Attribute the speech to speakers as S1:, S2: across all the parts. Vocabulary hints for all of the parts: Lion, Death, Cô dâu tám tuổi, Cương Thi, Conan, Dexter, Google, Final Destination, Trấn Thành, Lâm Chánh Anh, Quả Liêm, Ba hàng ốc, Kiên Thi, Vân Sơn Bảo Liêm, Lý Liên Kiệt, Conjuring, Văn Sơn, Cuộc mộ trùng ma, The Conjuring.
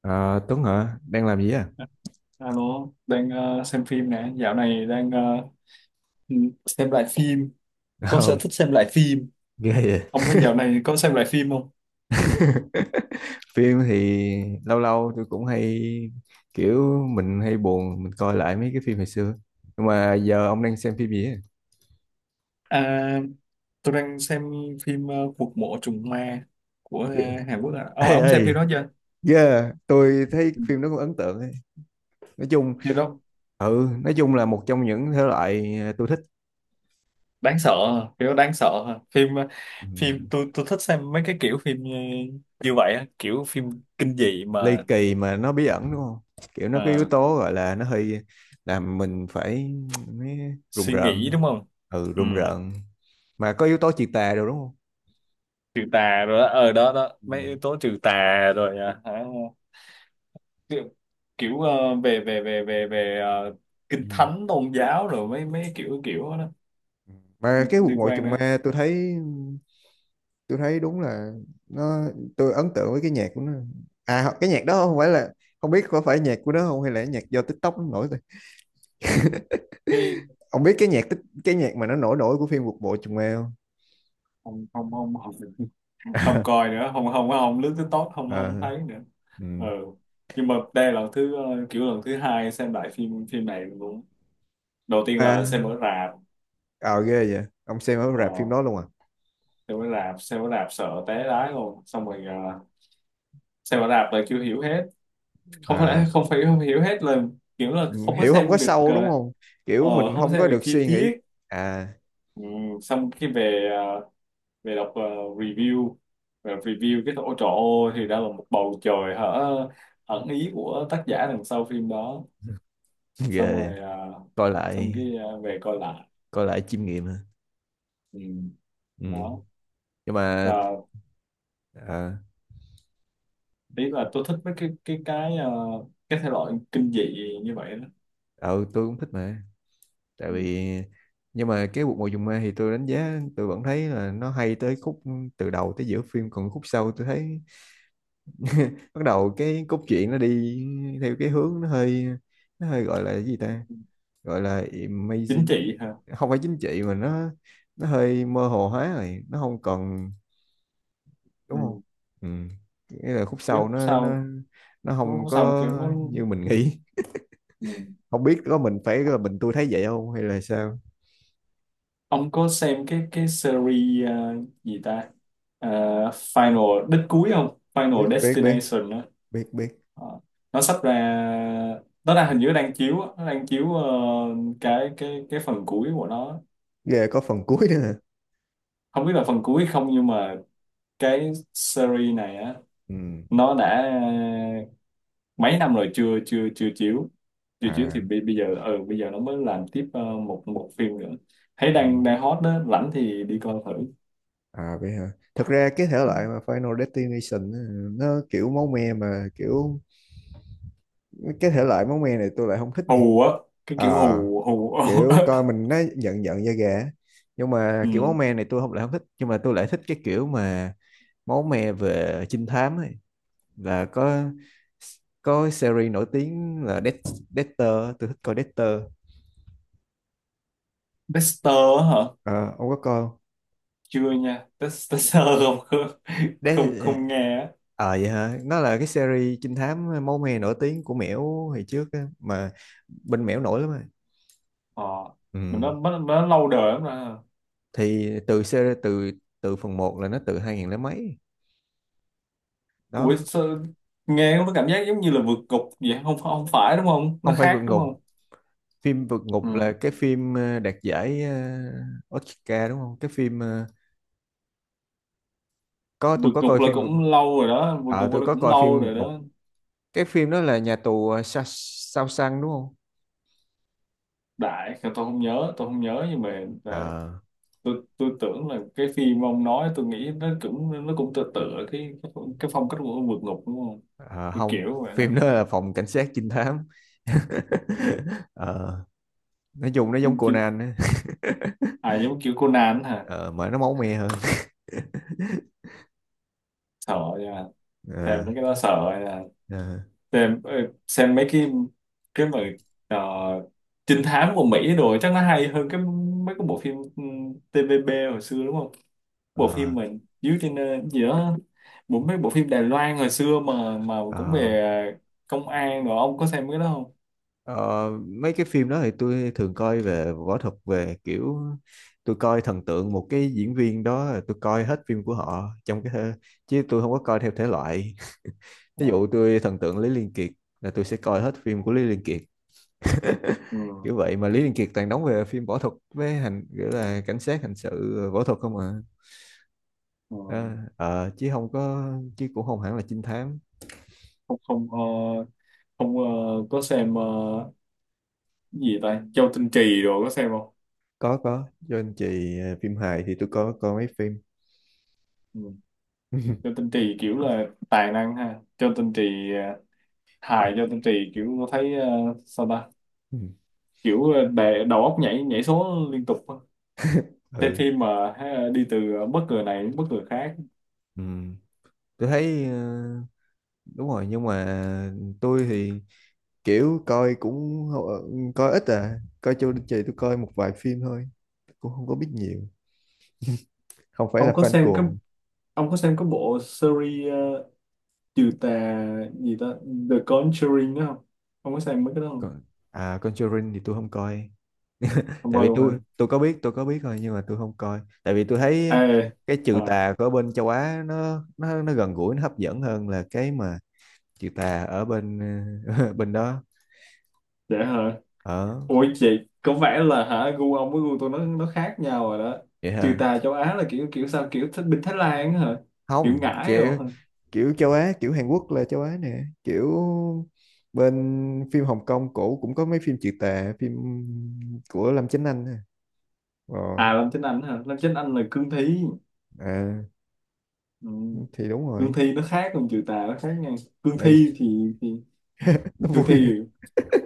S1: Ờ, Tuấn hả? Đang làm gì á?
S2: Alo, đang xem phim nè, dạo này đang ừ, xem lại phim, có sở
S1: Ồ,
S2: thích xem lại phim.
S1: ghê vậy.
S2: Ông có dạo này có xem lại phim không?
S1: Phim thì lâu lâu tôi cũng hay kiểu mình hay buồn mình coi lại mấy cái phim hồi xưa. Nhưng mà giờ ông đang xem phim gì á?
S2: À, tôi đang xem phim Cuộc Mộ Trùng Ma của Hàn Quốc ạ. Ông,
S1: Ê
S2: ông xem phim
S1: ê,
S2: đó chưa?
S1: yeah, tôi thấy
S2: Ừ.
S1: phim đó cũng ấn tượng ấy. Nói chung,
S2: Phim đó
S1: ừ, nói chung là một trong những thể loại tôi thích.
S2: đáng sợ, à, phim đó đáng sợ. À. Phim ờ,
S1: Ừ,
S2: phim tôi tôi thích xem mấy cái kiểu phim như vậy, á, kiểu phim kinh dị
S1: ly
S2: mà
S1: kỳ mà nó bí ẩn đúng không? Kiểu nó có yếu
S2: ờ,
S1: tố gọi là nó hơi làm mình phải rùng
S2: suy nghĩ
S1: rợn.
S2: đúng không?
S1: Ừ,
S2: Ừ.
S1: rùng rợn. Mà có yếu tố chị tà rồi đúng không?
S2: Trừ tà rồi đó, ở đó đó
S1: Ừ.
S2: mấy yếu tố trừ tà rồi, à hả? kiểu, kiểu về về về về về
S1: Ừ.
S2: kinh thánh tôn giáo, rồi mấy mấy kiểu kiểu đó
S1: Ừ, mà
S2: liên,
S1: cái cuộc
S2: liên
S1: ngồi
S2: quan
S1: trùng
S2: nữa.
S1: ma tôi thấy đúng là nó, tôi ấn tượng với cái nhạc của nó. Cái nhạc đó không phải là, không biết có phải nhạc của nó không hay là nhạc do TikTok nó nổi thôi.
S2: Cái
S1: Ông biết cái nhạc tích, cái nhạc mà nó nổi nổi của phim cuộc bộ trùng ma không?
S2: không không, không coi nữa, không không không lướt tới tốt, không không
S1: Ờ,
S2: thấy nữa. Ừ.
S1: ừ.
S2: Nhưng mà đây là lần thứ kiểu lần thứ hai xem lại phim phim này luôn, đầu tiên là
S1: À,
S2: xem ở rạp.
S1: ờ ghê vậy, ông xem ở rạp phim
S2: ờ,
S1: đó luôn à?
S2: xem ở rạp, xem ở rạp sợ té lái luôn. Xong rồi xem ở rạp là chưa hiểu hết. không
S1: À,
S2: phải không phải không hiểu hết là, kiểu là
S1: ừ,
S2: không có
S1: hiểu không có
S2: xem được
S1: sâu đúng không,
S2: ờ,
S1: kiểu mình
S2: không
S1: không
S2: xem
S1: có
S2: được
S1: được
S2: chi
S1: suy nghĩ.
S2: tiết.
S1: À,
S2: Ừ, xong cái về về đọc review, về review cái, ôi trời ơi, thì ra là một bầu trời hả ẩn ý của tác giả đằng sau phim đó. Xong
S1: ghê.
S2: rồi
S1: Coi
S2: xong
S1: lại,
S2: cái về coi lại.
S1: coi lại chiêm nghiệm ha.
S2: Ừ,
S1: Ừ.
S2: đó
S1: Nhưng mà
S2: là
S1: ờ
S2: ý là tôi thích mấy cái cái thể loại kinh dị như vậy đó.
S1: ờ, tôi cũng thích mà. Tại
S2: Ừ.
S1: vì, nhưng mà cái Cuộc Mùa Trùng Ma thì tôi đánh giá tôi vẫn thấy là nó hay tới khúc từ đầu tới giữa phim, còn khúc sau tôi thấy bắt đầu cái cốt truyện nó đi theo cái hướng nó hơi, nó hơi gọi là cái gì ta, gọi là
S2: Chính
S1: amazing.
S2: trị hả?
S1: Không phải chính trị mà nó hơi mơ hồ hóa rồi nó không còn, đúng không?
S2: Ừ.
S1: Ừ. Nghĩa là khúc
S2: Cuối
S1: sau nó nó
S2: sau
S1: nó không
S2: cuối sau kiểu
S1: có
S2: nó.
S1: như mình nghĩ.
S2: Ừ.
S1: Không biết có mình phải là mình tôi thấy vậy không hay là sao.
S2: Ông có xem cái series gì ta, Ờ, Final đích cuối không,
S1: biết
S2: Final
S1: biết biết
S2: Destination đó?
S1: biết biết
S2: Ờ, nó sắp ra, nó đang hình như đang chiếu á. Nó đang chiếu cái phần cuối của nó.
S1: Ghê, có phần cuối nữa hả?
S2: Không biết là phần cuối không nhưng mà cái series này á,
S1: Ừ.
S2: nó đã mấy năm rồi chưa chưa chưa chiếu. Chưa chiếu thì
S1: À.
S2: bây giờ, ừ, bây giờ nó mới làm tiếp một một phim nữa. Thấy
S1: Ừ.
S2: đang đang hot đó, rảnh thì đi coi thử.
S1: À vậy hả, thật ra cái thể loại mà Final Destination á, nó kiểu máu me mà kiểu, cái thể loại máu me này tôi lại không thích nha.
S2: Hù á, cái kiểu
S1: À,
S2: hù hù.
S1: kiểu coi mình nó giận giận da gà á. Nhưng mà kiểu máu
S2: Ừ.
S1: me này tôi không lại không thích, nhưng mà tôi lại thích cái kiểu mà máu me về trinh thám ấy, là có series nổi tiếng là Death, Dexter, tôi thích coi Dexter.
S2: Tester á hả?
S1: Ờ, ông có coi không?
S2: Chưa nha. Tester. không không không
S1: Đấy,
S2: không nghe á.
S1: ờ vậy hả? Nó là cái series trinh thám ờ, máu me nổi tiếng của Mẻo hồi trước á, mà bên Mẻo nổi lắm mà.
S2: ờ
S1: Ừ.
S2: mình nó, nó lâu đời lắm rồi.
S1: Thì từ series từ từ phần một là nó từ 2000 lấy mấy.
S2: Ủa
S1: Đó,
S2: sao, nghe nó cảm giác giống như là vượt ngục vậy, không, không phải đúng không, nó
S1: không phải vượt
S2: khác đúng
S1: ngục.
S2: không?
S1: Phim vượt ngục là
S2: Ừ.
S1: cái phim đạt giải Oscar đúng không? Cái phim ờ, có tôi
S2: Vượt
S1: có
S2: ngục
S1: coi
S2: là
S1: phim vượt
S2: cũng lâu rồi đó, vượt
S1: ờ
S2: ngục
S1: Tôi
S2: là
S1: có
S2: cũng
S1: coi phim
S2: lâu
S1: vượt
S2: rồi
S1: ngục.
S2: đó.
S1: Cái phim đó là nhà tù ờ, Sa- Sao Sang đúng không?
S2: Đại tôi không nhớ, tôi không nhớ, nhưng mà à,
S1: Ờ.
S2: tôi tưởng là cái phim ông nói tôi nghĩ nó cũng, nó cũng tựa tựa cái phong cách của vượt ngục đúng không,
S1: Ờ,
S2: kiểu
S1: không,
S2: kiểu vậy đó.
S1: phim đó là phòng cảnh sát trinh thám.
S2: Ừ.
S1: Ờ, nói chung nó giống
S2: Phim chính,
S1: Conan á.
S2: à giống kiểu Conan hả?
S1: Ờ, mà nó máu me hơn.
S2: Sợ nha, xem
S1: Ờ,
S2: mấy cái đó sợ nha.
S1: ờ,
S2: Xem xem mấy cái mà ờ, trinh thám của Mỹ rồi chắc nó hay hơn cái mấy cái bộ phim TVB hồi xưa đúng không, bộ phim
S1: ờ,
S2: mà dưới trên gì đó, bộ mấy bộ phim Đài Loan hồi xưa mà cũng
S1: ờ.
S2: về công an rồi, ông có xem cái đó không?
S1: Ờ, Mấy cái phim đó thì tôi thường coi về võ thuật, về kiểu tôi coi thần tượng một cái diễn viên đó là tôi coi hết phim của họ trong cái thơ, chứ tôi không có coi theo thể loại. Ví
S2: À.
S1: dụ tôi thần tượng Lý Liên Kiệt là tôi sẽ coi hết phim của Lý Liên Kiệt,
S2: Ờ,
S1: kiểu vậy. Mà Lý Liên Kiệt toàn đóng về phim võ thuật với hành kiểu là cảnh sát hành sự, võ thuật không à.
S2: ờ,
S1: Ờ, chứ không có, chứ cũng không hẳn là trinh thám.
S2: không không không có xem gì ta, Châu Tinh Trì rồi có xem không?
S1: Có cho anh chị phim hài thì tôi có coi mấy phim.
S2: Ừ. Châu Tinh Trì kiểu là tài năng ha, Châu Tinh Trì ờ, hài Châu Tinh Trì kiểu có thấy sao ta,
S1: ừ
S2: kiểu để đầu óc nhảy nhảy số liên tục á. Xem
S1: ừ
S2: phim mà ha, đi từ bất ngờ này đến bất ngờ khác.
S1: Ừ. Tôi thấy đúng rồi, nhưng mà tôi thì kiểu coi cũng coi ít à, coi cho anh chị tôi coi một vài phim thôi, cũng không có biết nhiều, không phải là
S2: ông có
S1: fan
S2: xem cái
S1: cuồng.
S2: ông có xem cái bộ series trừ tà gì ta, The Conjuring đó không? Ông có xem mấy cái đó không?
S1: Còn à Conjuring thì tôi không coi,
S2: Không
S1: tại
S2: coi
S1: vì
S2: luôn hả?
S1: tôi có biết thôi, nhưng mà tôi không coi tại vì tôi thấy
S2: Ê,
S1: cái trừ
S2: à,
S1: tà của bên châu Á nó gần gũi, nó hấp dẫn hơn là cái mà trừ tà ở bên bên đó.
S2: dễ hả?
S1: Ở
S2: Ủa chị, có vẻ là hả gu ông với gu tôi nó khác nhau rồi đó.
S1: vậy
S2: Trừ
S1: hả,
S2: tà châu Á là kiểu kiểu sao, kiểu thích bên Thái Lan á hả, kiểu
S1: không
S2: ngải rồi
S1: kiểu,
S2: hả?
S1: kiểu châu Á kiểu Hàn Quốc là châu Á nè, kiểu bên phim Hồng Kông cổ cũng có mấy phim trừ tà, phim của Lâm Chánh Anh nè. Rồi,
S2: À Lâm Chánh Anh hả, Lâm Chánh Anh là Cương Thi.
S1: à,
S2: Ừ.
S1: thì đúng
S2: Cương
S1: rồi.
S2: Thi nó khác, còn trừ tà nó khác nha. Cương
S1: Ây,
S2: Thi thì,
S1: nó
S2: Cương Thi
S1: vui,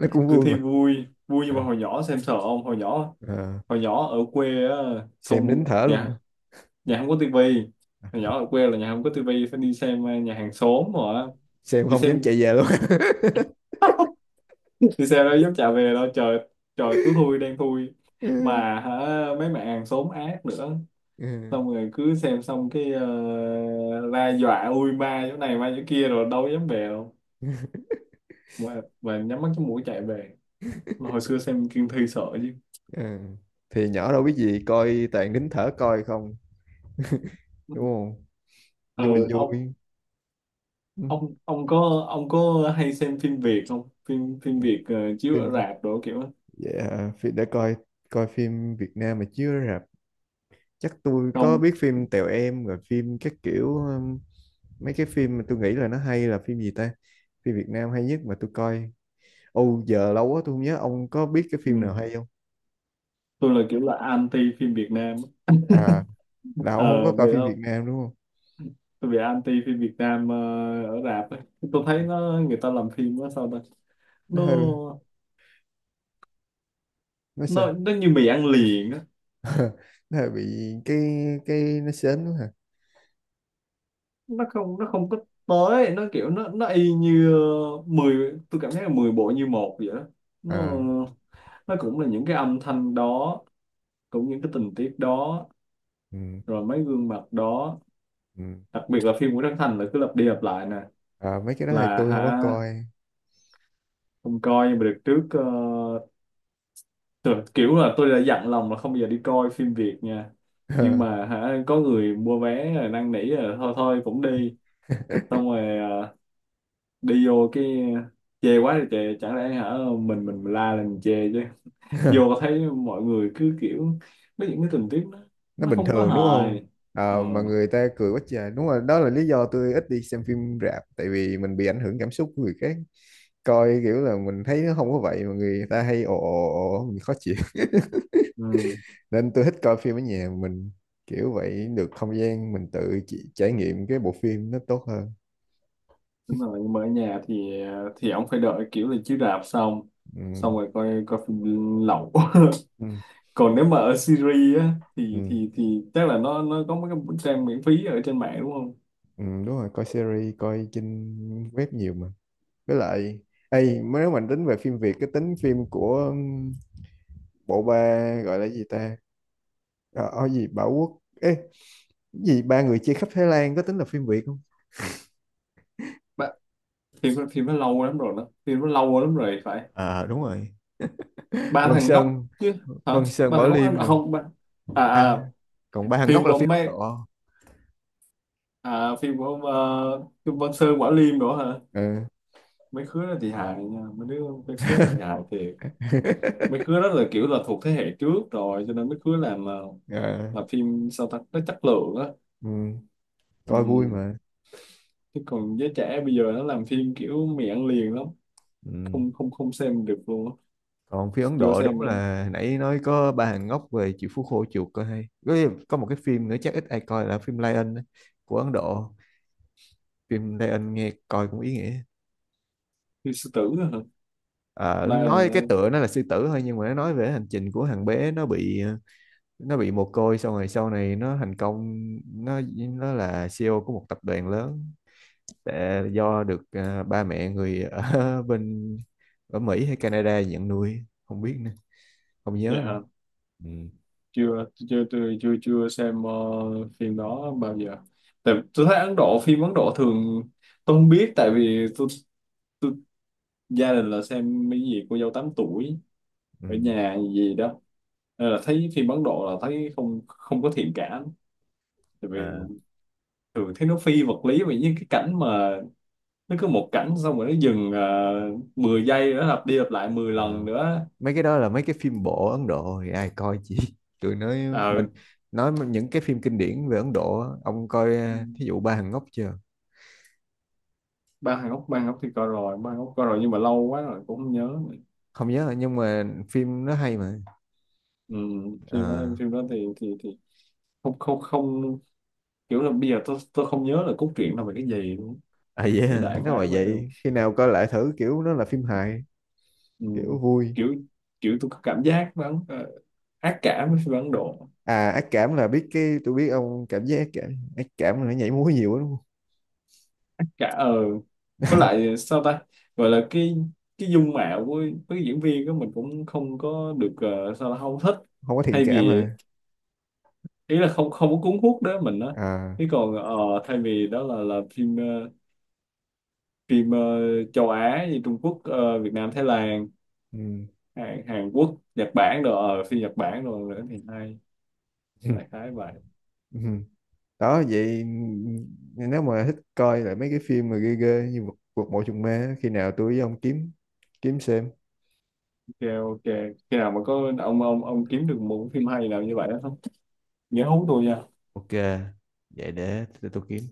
S1: nó cũng
S2: Cương
S1: vui
S2: Thi
S1: mà.
S2: vui vui nhưng mà
S1: Ờ,
S2: hồi nhỏ xem sợ. Ông hồi nhỏ,
S1: ờ,
S2: hồi nhỏ ở quê á,
S1: xem nín
S2: không
S1: thở luôn
S2: nhà,
S1: à.
S2: nhà không có tivi. Hồi nhỏ ở quê là nhà không có tivi, phải đi xem nhà hàng xóm rồi á.
S1: Xem
S2: Đi
S1: không dám
S2: xem
S1: chạy về luôn.
S2: thì sao đó dám trả về đâu trời, trời tối thui đen thui,
S1: Ừ.
S2: mà hả, mấy bạn hàng xóm ác nữa.
S1: Ừ.
S2: Xong rồi cứ xem xong cái ra dọa ui ma chỗ này ma chỗ kia, rồi đâu dám về đâu, mà nhắm mắt cái mũi chạy về, mà hồi xưa xem Kiên Thi sợ chứ.
S1: Ừ, thì nhỏ đâu biết gì coi toàn nín thở coi không, đúng không?
S2: Ờ.
S1: Nhưng mà
S2: ông
S1: vui. Ừ.
S2: ông có hay xem phim Việt không, phim phim Việt chiếu ở
S1: phim
S2: rạp đồ kiểu đó?
S1: dạ, phim để coi coi phim Việt Nam mà chưa, rạp, chắc tôi có
S2: Không.
S1: biết phim Tèo Em rồi phim các kiểu mấy cái phim mà tôi nghĩ là nó hay là phim gì ta, phim Việt Nam hay nhất mà tôi coi, ô giờ lâu quá tôi không nhớ, ông có biết cái phim
S2: Ừ.
S1: nào hay không?
S2: Tôi là kiểu là anti phim Việt Nam.
S1: À, là ông không có
S2: Ờ
S1: coi
S2: Vậy
S1: phim Việt Nam đúng không?
S2: tôi bị anti phim Việt Nam ở rạp ấy. Tôi thấy nó, người ta làm phim nó sao ta,
S1: Nó
S2: nó
S1: hơi, nó
S2: nó
S1: sao.
S2: nó như mì ăn liền á.
S1: Nó là bị cái nó sến quá hả?
S2: Nó không có tới, nó kiểu nó y như 10, tôi cảm thấy là 10 bộ như một vậy đó. nó
S1: À,
S2: nó cũng là những cái âm thanh đó, cũng những cái tình tiết đó,
S1: ừ,
S2: rồi mấy gương mặt đó.
S1: ừ.
S2: Đặc biệt là phim của Trấn Thành là cứ lặp đi lặp lại nè.
S1: À, mấy cái đó thì
S2: Là
S1: tôi không có
S2: hả?
S1: coi.
S2: Không coi nhưng mà được trước Thật, kiểu là tôi đã dặn lòng là không bao giờ đi coi phim Việt nha. Nhưng mà hả, có người mua vé rồi năn nỉ rồi thôi thôi cũng đi. Xong rồi à, đi vô cái chê quá thì chê, chẳng lẽ hả mình la lên mình chê chứ. Vô thấy mọi người cứ kiểu có những cái tình tiết nó,
S1: Nó bình
S2: không có
S1: thường đúng không?
S2: hài.
S1: À,
S2: Ờ.
S1: mà người ta cười quá trời, đúng rồi, đó là lý do tôi ít đi xem phim rạp, tại vì mình bị ảnh hưởng cảm xúc của người khác. Coi kiểu là mình thấy nó không có vậy mà người ta hay ồ ồ ồ, mình khó chịu.
S2: Ừ,
S1: Nên tôi thích coi phim ở nhà mình, kiểu vậy được không gian mình tự trải nghiệm cái bộ phim nó tốt hơn.
S2: đúng rồi, nhưng mà ở nhà thì thì ông phải đợi kiểu là chiếu rạp xong,
S1: Ừ.
S2: xong rồi coi coi phim lậu.
S1: Ừ.
S2: Còn nếu mà ở Siri á thì
S1: Ừ.
S2: thì chắc là nó có mấy cái trang miễn phí ở trên mạng đúng không?
S1: Ừ, đúng rồi, coi series, coi trên web nhiều mà. Với lại, ê, nếu mà tính về phim Việt, cái tính phim của bộ ba gọi là gì ta? Ờ, ở gì Bảo Quốc, ê, cái gì ba người chia khắp Thái Lan có tính là phim Việt không?
S2: Ba, thì nó lâu lắm rồi đó, thì nó lâu lắm rồi phải,
S1: À đúng rồi.
S2: ba
S1: Vân
S2: thằng ngốc
S1: Sơn,
S2: chứ hả,
S1: Vân Sơn
S2: ba
S1: Bảo
S2: thằng ngốc ăn
S1: Liêm rồi.
S2: không, ba à,
S1: À,
S2: à
S1: còn ba thằng ngốc
S2: phim của
S1: là phim
S2: ông
S1: Ấn
S2: mấy,
S1: Độ.
S2: à phim của ông phim Văn Sơn Quả Liêm nữa hả?
S1: Ừ.
S2: Mấy khứa đó thì hài nha, mấy đứa mấy khứa đó thì hài thiệt. Mấy khứa đó là kiểu là thuộc thế hệ trước rồi cho nên mấy khứa làm
S1: Ờ,
S2: là phim sao ta, nó chất lượng á.
S1: ừ, coi vui
S2: Ừ.
S1: mà.
S2: Chứ còn giới trẻ bây giờ nó làm phim kiểu mì ăn liền lắm,
S1: Ừ.
S2: không không không xem được luôn á.
S1: Còn phim Ấn
S2: Vô
S1: Độ đúng
S2: xem em,
S1: là nãy nói có ba hàng ngốc về chịu phú khô chuột coi hay, có một cái phim nữa chắc ít ai coi là phim Lion á, của Ấn Độ, phim Lion nghe coi cũng ý nghĩa.
S2: như sư tử á hả,
S1: Ờ,
S2: Lion
S1: nói
S2: á?
S1: cái tựa nó là sư tử thôi nhưng mà nó nói về hành trình của thằng bé nó bị, nó bị mồ côi xong rồi sau này nó thành công, nó là CEO của một tập đoàn lớn, tại do được à, ba mẹ người ở bên, ở Mỹ hay Canada nhận nuôi không biết nữa, không
S2: Dạ
S1: nhớ nữa.
S2: hả?
S1: Ừ.
S2: Chưa chưa tôi chưa chưa xem phim đó bao giờ. Tại tôi thấy Ấn Độ, phim Ấn Độ thường, tôi không biết tại vì tôi, gia đình là xem cái gì cô dâu 8 tuổi
S1: Ừ.
S2: ở nhà gì đó, nên là thấy phim Ấn Độ là thấy không, không có thiện cảm. Tại vì
S1: Ờ,
S2: thường thấy nó phi vật lý vì những cái cảnh mà nó cứ một cảnh xong rồi nó dừng 10 giây nữa, lặp đi lặp lại 10 lần
S1: Ờ,
S2: nữa.
S1: mấy cái đó là mấy cái phim bộ Ấn Độ thì ai coi, chị tôi nói,
S2: Ờ.
S1: mình nói những cái phim kinh điển về Ấn Độ á, ông coi thí dụ Ba Hàng Ngốc chưa?
S2: Ba hàng ốc, ba hàng ốc thì coi rồi, ba hàng ốc coi rồi nhưng mà lâu quá rồi cũng không nhớ nữa.
S1: Không nhớ nhưng mà phim nó hay mà.
S2: Ừ, phim đó,
S1: Ờ.
S2: phim đó thì không, không, không, kiểu là bây giờ tôi không nhớ là cốt truyện là về cái gì luôn.
S1: À
S2: Cái
S1: yeah,
S2: đại
S1: nếu mà
S2: khái vậy. Ừ.
S1: vậy khi nào coi lại thử, kiểu nó là phim hài,
S2: Ừ.
S1: kiểu vui.
S2: kiểu kiểu tôi có cảm giác vẫn ác cảm với phim Ấn Độ.
S1: À, ác cảm là biết, cái tôi biết ông cảm giác ác cảm, ác cảm là nó nhảy múa nhiều lắm đúng
S2: Ác cả ờ Với
S1: không?
S2: lại sao ta, gọi là cái dung mạo của với diễn viên đó mình cũng không có được sao là không thích.
S1: Không có thiện
S2: Thay
S1: cảm
S2: vì,
S1: mà.
S2: ý là không, không có cuốn hút đó mình á.
S1: À,
S2: Thế còn thay vì đó là phim phim ờ, châu Á như Trung Quốc, Việt Nam, Thái Lan, Hàn Quốc, Nhật Bản rồi phim Nhật Bản rồi nữa thì hay, đại khái vậy.
S1: ừ. Đó vậy, nếu mà thích coi lại mấy cái phim mà ghê ghê như cuộc, cuộc mộ trùng ma á, khi nào tôi với ông kiếm, kiếm xem.
S2: Ok, ok, khi nào mà có ông ông kiếm được một cái phim hay nào như vậy đó không, nhớ hú tôi nha.
S1: Ok, vậy để tôi kiếm.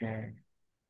S2: Ok.